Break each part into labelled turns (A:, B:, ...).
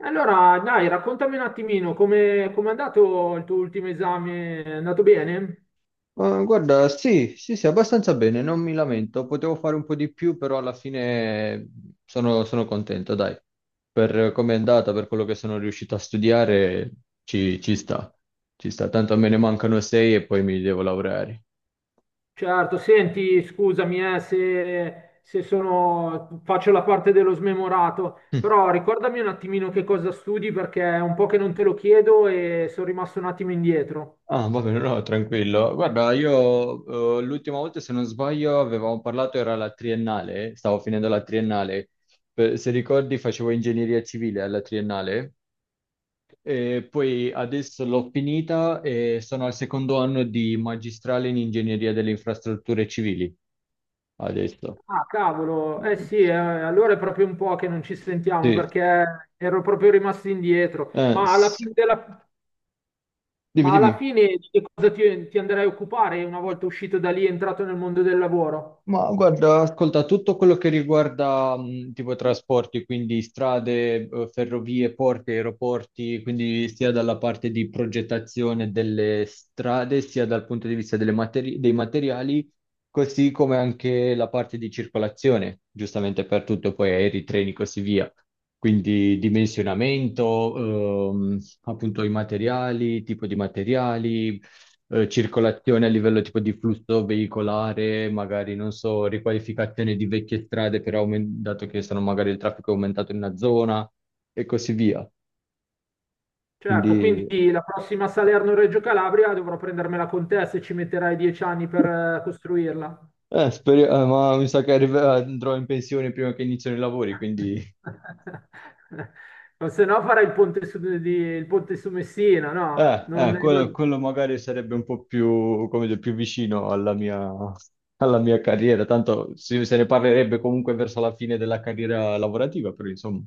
A: Allora, dai, raccontami un attimino come è andato il tuo ultimo esame? È andato bene?
B: Ma guarda, sì, sì, sì, abbastanza bene, non mi lamento. Potevo fare un po' di più, però alla fine sono contento, dai. Per come è andata, per quello che sono riuscito a studiare, ci sta. Ci sta, tanto me ne mancano sei e poi mi devo laureare.
A: Certo, senti, scusami se, se sono, faccio la parte dello smemorato, però ricordami un attimino che cosa studi perché è un po' che non te lo chiedo e sono rimasto un attimo indietro.
B: Mm. Ah, va bene, no, tranquillo. Guarda, io l'ultima volta, se non sbaglio, avevamo parlato, era la triennale, stavo finendo la triennale. Se ricordi, facevo ingegneria civile alla triennale. E poi adesso l'ho finita e sono al secondo anno di magistrale in ingegneria delle infrastrutture civili. Adesso.
A: Ah, cavolo, eh
B: Mm.
A: sì, allora è proprio un po' che non ci sentiamo
B: Sì.
A: perché ero proprio rimasto indietro,
B: Eh,
A: ma alla
B: s-
A: fine della...
B: Dimmi,
A: Ma alla
B: dimmi.
A: fine di che cosa ti andrai a occupare una volta uscito da lì e entrato nel mondo del lavoro?
B: Ma guarda, ascolta, tutto quello che riguarda tipo trasporti, quindi strade, ferrovie, porti, aeroporti, quindi sia dalla parte di progettazione delle strade, sia dal punto di vista delle dei materiali, così come anche la parte di circolazione, giustamente per tutto, poi aerei, treni, così via. Quindi dimensionamento, appunto i materiali, tipo di materiali, circolazione a livello tipo di flusso veicolare, magari non so, riqualificazione di vecchie strade, però dato che sono magari il traffico è aumentato in una zona e così via.
A: Certo,
B: Quindi
A: quindi la prossima Salerno-Reggio Calabria dovrò prendermela con te se ci metterai dieci anni per costruirla.
B: ma mi sa che andrò in pensione prima che iniziano i lavori, quindi
A: O se no farai il ponte il ponte su Messina, no?
B: quello, quello magari sarebbe un po' più, come dire, più vicino alla mia carriera, tanto se ne parlerebbe comunque verso la fine della carriera lavorativa, però insomma.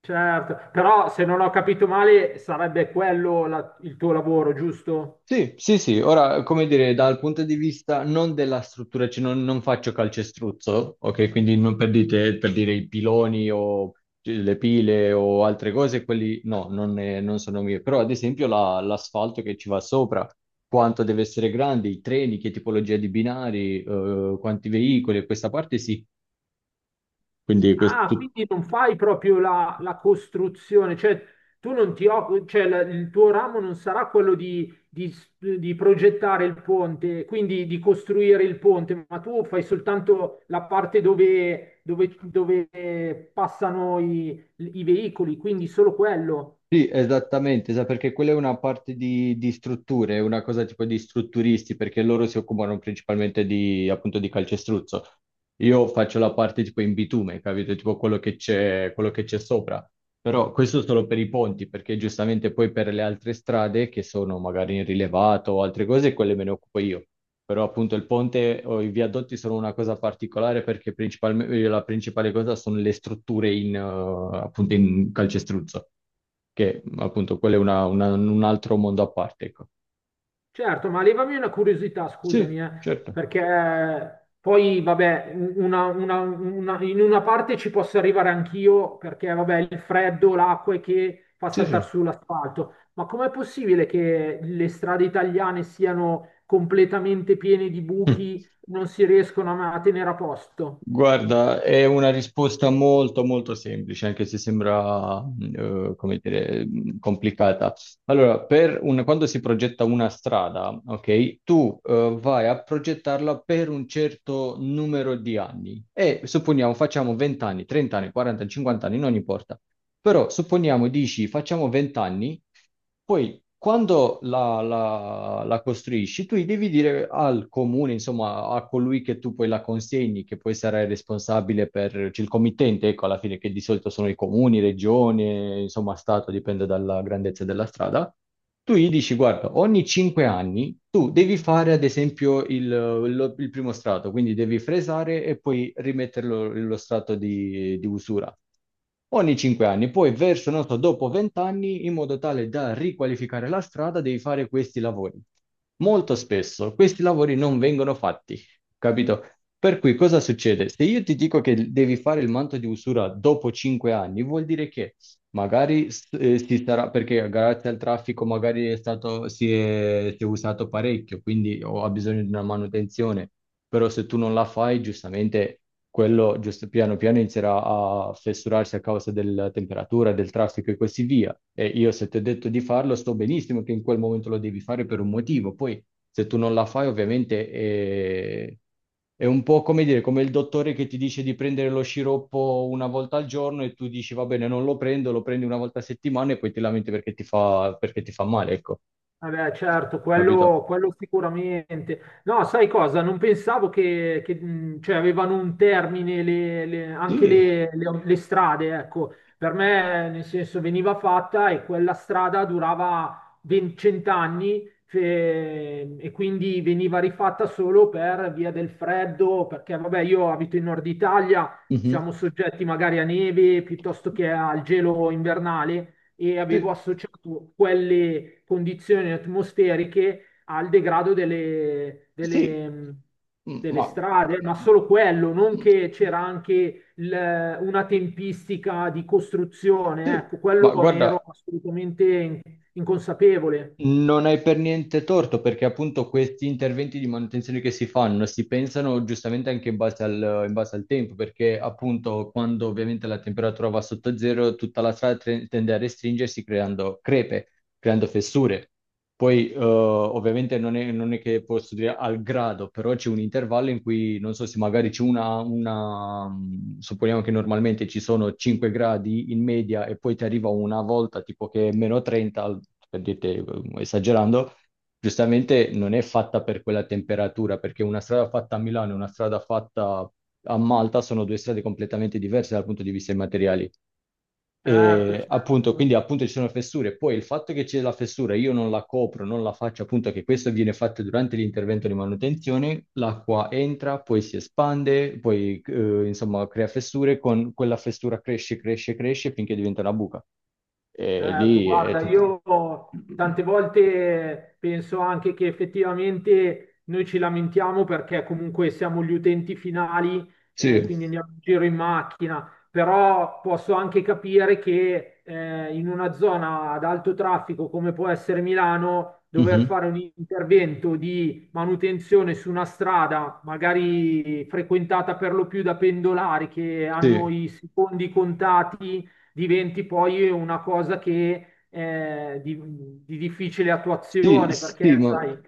A: Certo, però se non ho capito male sarebbe quello il tuo lavoro, giusto?
B: Sì, sì, sì, ora come dire, dal punto di vista non della struttura, cioè non faccio calcestruzzo, ok? Quindi non per per dire i piloni o le pile o altre cose, quelli no, non sono mie, però ad esempio l'asfalto che ci va sopra, quanto deve essere grande, i treni, che tipologia di binari, quanti veicoli, questa parte sì, quindi
A: Ah, quindi non fai proprio la costruzione, cioè tu non ti occupi, cioè il tuo ramo non sarà quello di progettare il ponte, quindi di costruire il ponte, ma tu fai soltanto la parte dove passano i veicoli, quindi solo quello.
B: sì, esattamente, perché quella è una parte di strutture, è una cosa tipo di strutturisti, perché loro si occupano principalmente di, appunto, di calcestruzzo. Io faccio la parte tipo in bitume, capito? Tipo quello che c'è sopra. Però questo solo per i ponti, perché giustamente poi per le altre strade che sono magari in rilevato o altre cose, quelle me ne occupo io. Però appunto il ponte o i viadotti sono una cosa particolare perché principalmente la principale cosa sono le strutture in, appunto in calcestruzzo, che appunto quello è un altro mondo a parte, ecco.
A: Certo, ma levami una curiosità,
B: Sì,
A: scusami,
B: certo.
A: perché poi, vabbè, in una parte ci posso arrivare anch'io, perché, vabbè, il freddo, l'acqua è che fa
B: Sì, sì.
A: saltare sull'asfalto, ma com'è possibile che le strade italiane siano completamente piene di buchi, non si riescono a tenere a posto?
B: Guarda, è una risposta molto molto semplice, anche se sembra, come dire, complicata. Allora, per quando si progetta una strada, ok, tu, vai a progettarla per un certo numero di anni e supponiamo facciamo 20 anni, 30 anni, 40, 50 anni, non importa. Però supponiamo dici facciamo 20 anni poi, quando la costruisci, tu devi dire al comune, insomma, a colui che tu poi la consegni, che poi sarà il responsabile per cioè il committente, ecco, alla fine, che di solito sono i comuni, regione, insomma, stato, dipende dalla grandezza della strada. Tu gli dici, guarda, ogni 5 anni tu devi fare, ad esempio, il primo strato, quindi devi fresare e poi rimetterlo lo strato di usura. Ogni 5 anni, poi verso, non so, dopo 20 anni, in modo tale da riqualificare la strada, devi fare questi lavori. Molto spesso questi lavori non vengono fatti, capito? Per cui cosa succede? Se io ti dico che devi fare il manto di usura dopo 5 anni, vuol dire che magari si sarà, perché grazie al traffico magari è stato, si è usato parecchio, quindi ha bisogno di una manutenzione, però se tu non la fai, giustamente quello giusto, piano piano inizierà a fessurarsi a causa della temperatura, del traffico e così via. E io se ti ho detto di farlo, sto benissimo che in quel momento lo devi fare per un motivo, poi se tu non la fai, ovviamente è un po' come dire, come il dottore che ti dice di prendere lo sciroppo una volta al giorno e tu dici va bene, non lo prendo, lo prendi una volta a settimana e poi ti lamenti perché ti fa male, ecco,
A: Vabbè, certo,
B: capito?
A: quello sicuramente. No, sai cosa? Non pensavo cioè, avevano un termine anche
B: Sì,
A: le strade, ecco. Per me, nel senso, veniva fatta e quella strada durava 20 cent'anni e quindi veniva rifatta solo per via del freddo, perché, vabbè, io abito in Nord Italia,
B: mhm.
A: siamo soggetti magari a neve piuttosto che al gelo invernale e avevo
B: Sì,
A: associato quelle condizioni atmosferiche al degrado
B: sì, mm,
A: delle
B: ma,
A: strade, ma
B: mm,
A: solo quello, non
B: mm,
A: che c'era anche una tempistica di costruzione,
B: sì.
A: ecco, quello
B: Ma
A: ne ero
B: guarda,
A: assolutamente inconsapevole.
B: non hai per niente torto perché appunto questi interventi di manutenzione che si fanno si pensano giustamente anche in base al tempo perché appunto quando ovviamente la temperatura va sotto zero tutta la strada tende a restringersi creando crepe, creando fessure. Poi, ovviamente, non è che posso dire al grado, però c'è un intervallo in cui, non so se magari c'è supponiamo che normalmente ci sono 5 gradi in media e poi ti arriva una volta tipo che è meno 30, per dirti, esagerando, giustamente non è fatta per quella temperatura, perché una strada fatta a Milano e una strada fatta a Malta sono due strade completamente diverse dal punto di vista dei materiali.
A: Certo,
B: E appunto,
A: certo.
B: quindi appunto ci sono fessure. Poi il fatto che c'è la fessura, io non la copro, non la faccio, appunto che questo viene fatto durante l'intervento di manutenzione, l'acqua entra, poi si espande, poi insomma crea fessure, con quella fessura cresce, cresce, cresce finché diventa una buca. E
A: Certo,
B: lì è
A: guarda,
B: tutto.
A: io tante volte penso anche che effettivamente noi ci lamentiamo perché comunque siamo gli utenti finali,
B: Sì.
A: quindi andiamo in giro in macchina, però posso anche capire che in una zona ad alto traffico come può essere Milano, dover
B: Mhm.
A: fare un intervento di manutenzione su una strada, magari frequentata per lo più da pendolari che hanno
B: Sì.
A: i secondi contati diventi poi una cosa che di difficile
B: Sì,
A: attuazione, perché
B: sì, ma
A: sai,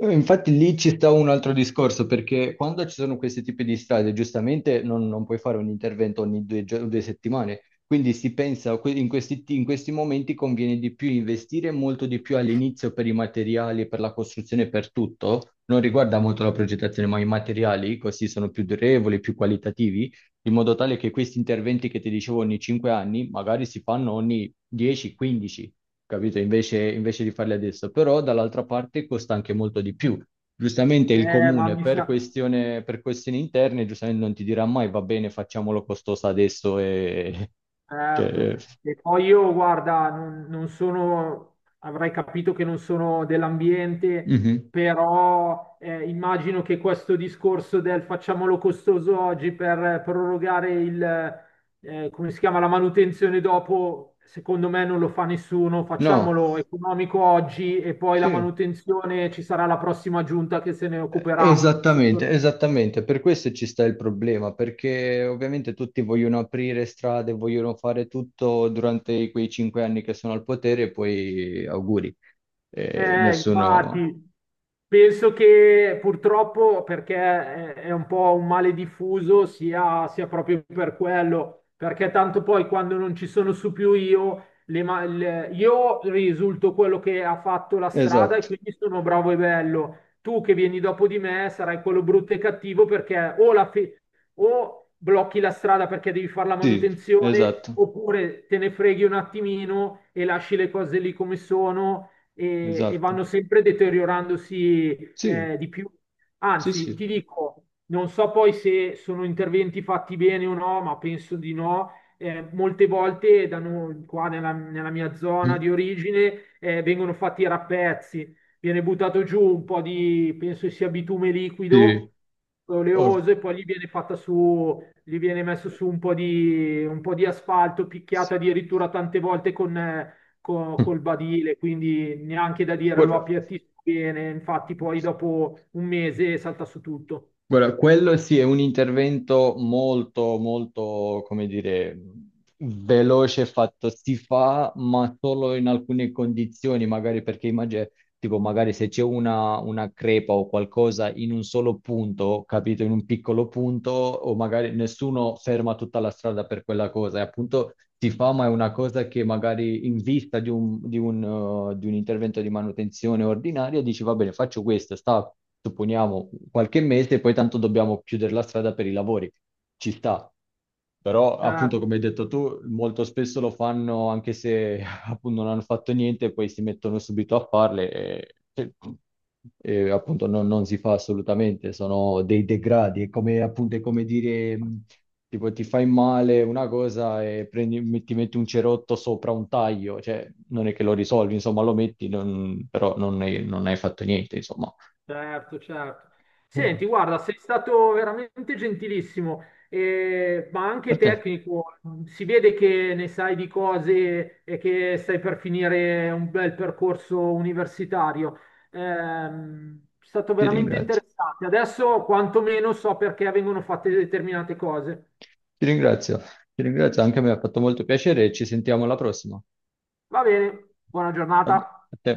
B: infatti lì ci sta un altro discorso, perché quando ci sono questi tipi di strade, giustamente non puoi fare un intervento ogni due, due settimane, quindi si pensa in questi momenti conviene di più investire molto di più all'inizio per i materiali, per la costruzione, per tutto, non riguarda molto la progettazione, ma i materiali così sono più durevoli, più qualitativi, in modo tale che questi interventi che ti dicevo ogni 5 anni, magari si fanno ogni 10-15, capito? Invece, invece di farli adesso. Però dall'altra parte costa anche molto di più. Giustamente il
A: ma
B: comune
A: mi
B: per
A: sa...
B: questione, per questioni interne, giustamente non ti dirà mai va bene, facciamolo costoso adesso e...
A: Certo,
B: Cioè,
A: e poi io, guarda, non sono, avrai capito che non sono dell'ambiente,
B: mhm.
A: però immagino che questo discorso del facciamolo costoso oggi per prorogare il... come si chiama, la manutenzione dopo, secondo me non lo fa nessuno,
B: No,
A: facciamolo economico oggi e poi
B: sì,
A: la manutenzione ci sarà la prossima giunta che se ne occuperà.
B: esattamente, esattamente. Per questo ci sta il problema, perché ovviamente tutti vogliono aprire strade, vogliono fare tutto durante quei 5 anni che sono al potere e poi auguri. Nessuno...
A: Infatti, penso che purtroppo, perché è un po' un male diffuso, sia proprio per quello, perché tanto poi quando non ci sono su più io, io risulto quello che ha fatto la strada e
B: Esatto.
A: quindi sono bravo e bello. Tu che vieni dopo di me sarai quello brutto e cattivo perché o blocchi la strada perché devi fare la
B: Sì,
A: manutenzione,
B: esatto,
A: oppure te ne freghi un attimino e lasci le cose lì come sono e
B: esatto.
A: vanno sempre deteriorandosi
B: Sì,
A: di più.
B: sì,
A: Anzi,
B: sì.
A: ti dico, non so poi se sono interventi fatti bene o no, ma penso di no. Molte volte da noi, qua nella mia zona
B: Mm,
A: di origine vengono fatti i rappezzi, viene buttato giù un po' di, penso sia bitume
B: sì.
A: liquido,
B: Oh.
A: oleoso, e poi gli viene fatta su, gli viene messo su un po' di asfalto, picchiato addirittura tante volte con, col badile, quindi neanche da dire lo
B: Guarda,
A: appiattisco bene, infatti poi dopo un mese salta su tutto.
B: guarda, quello sì è un intervento molto, molto, come dire, veloce fatto. Si fa, ma solo in alcune condizioni, magari perché immagino tipo magari se c'è una crepa o qualcosa in un solo punto, capito, in un piccolo punto, o magari nessuno ferma tutta la strada per quella cosa, e appunto ti fa, ma è una cosa che magari in vista di di un intervento di manutenzione ordinaria dici, va bene, faccio questo, sta, supponiamo, qualche mese, e poi tanto dobbiamo chiudere la strada per i lavori, ci sta. Però,
A: Certo,
B: appunto, come hai detto tu, molto spesso lo fanno anche se appunto non hanno fatto niente e poi si mettono subito a farle e, appunto non si fa assolutamente, sono dei degradi, è come, appunto, è come dire tipo ti fai male una cosa e ti metti un cerotto sopra un taglio, cioè non è che lo risolvi, insomma lo metti, però non hai fatto niente, insomma.
A: certo, certo. Senti, guarda, sei stato veramente gentilissimo, ma
B: A
A: anche
B: te,
A: tecnico. Si vede che ne sai di cose e che stai per finire un bel percorso universitario. È stato
B: ti
A: veramente
B: ringrazio,
A: interessante. Adesso quantomeno so perché vengono fatte determinate cose.
B: ti ringrazio, ti ringrazio, anche a me ha fatto molto piacere e ci sentiamo alla prossima.
A: Va bene, buona
B: a
A: giornata.
B: a te.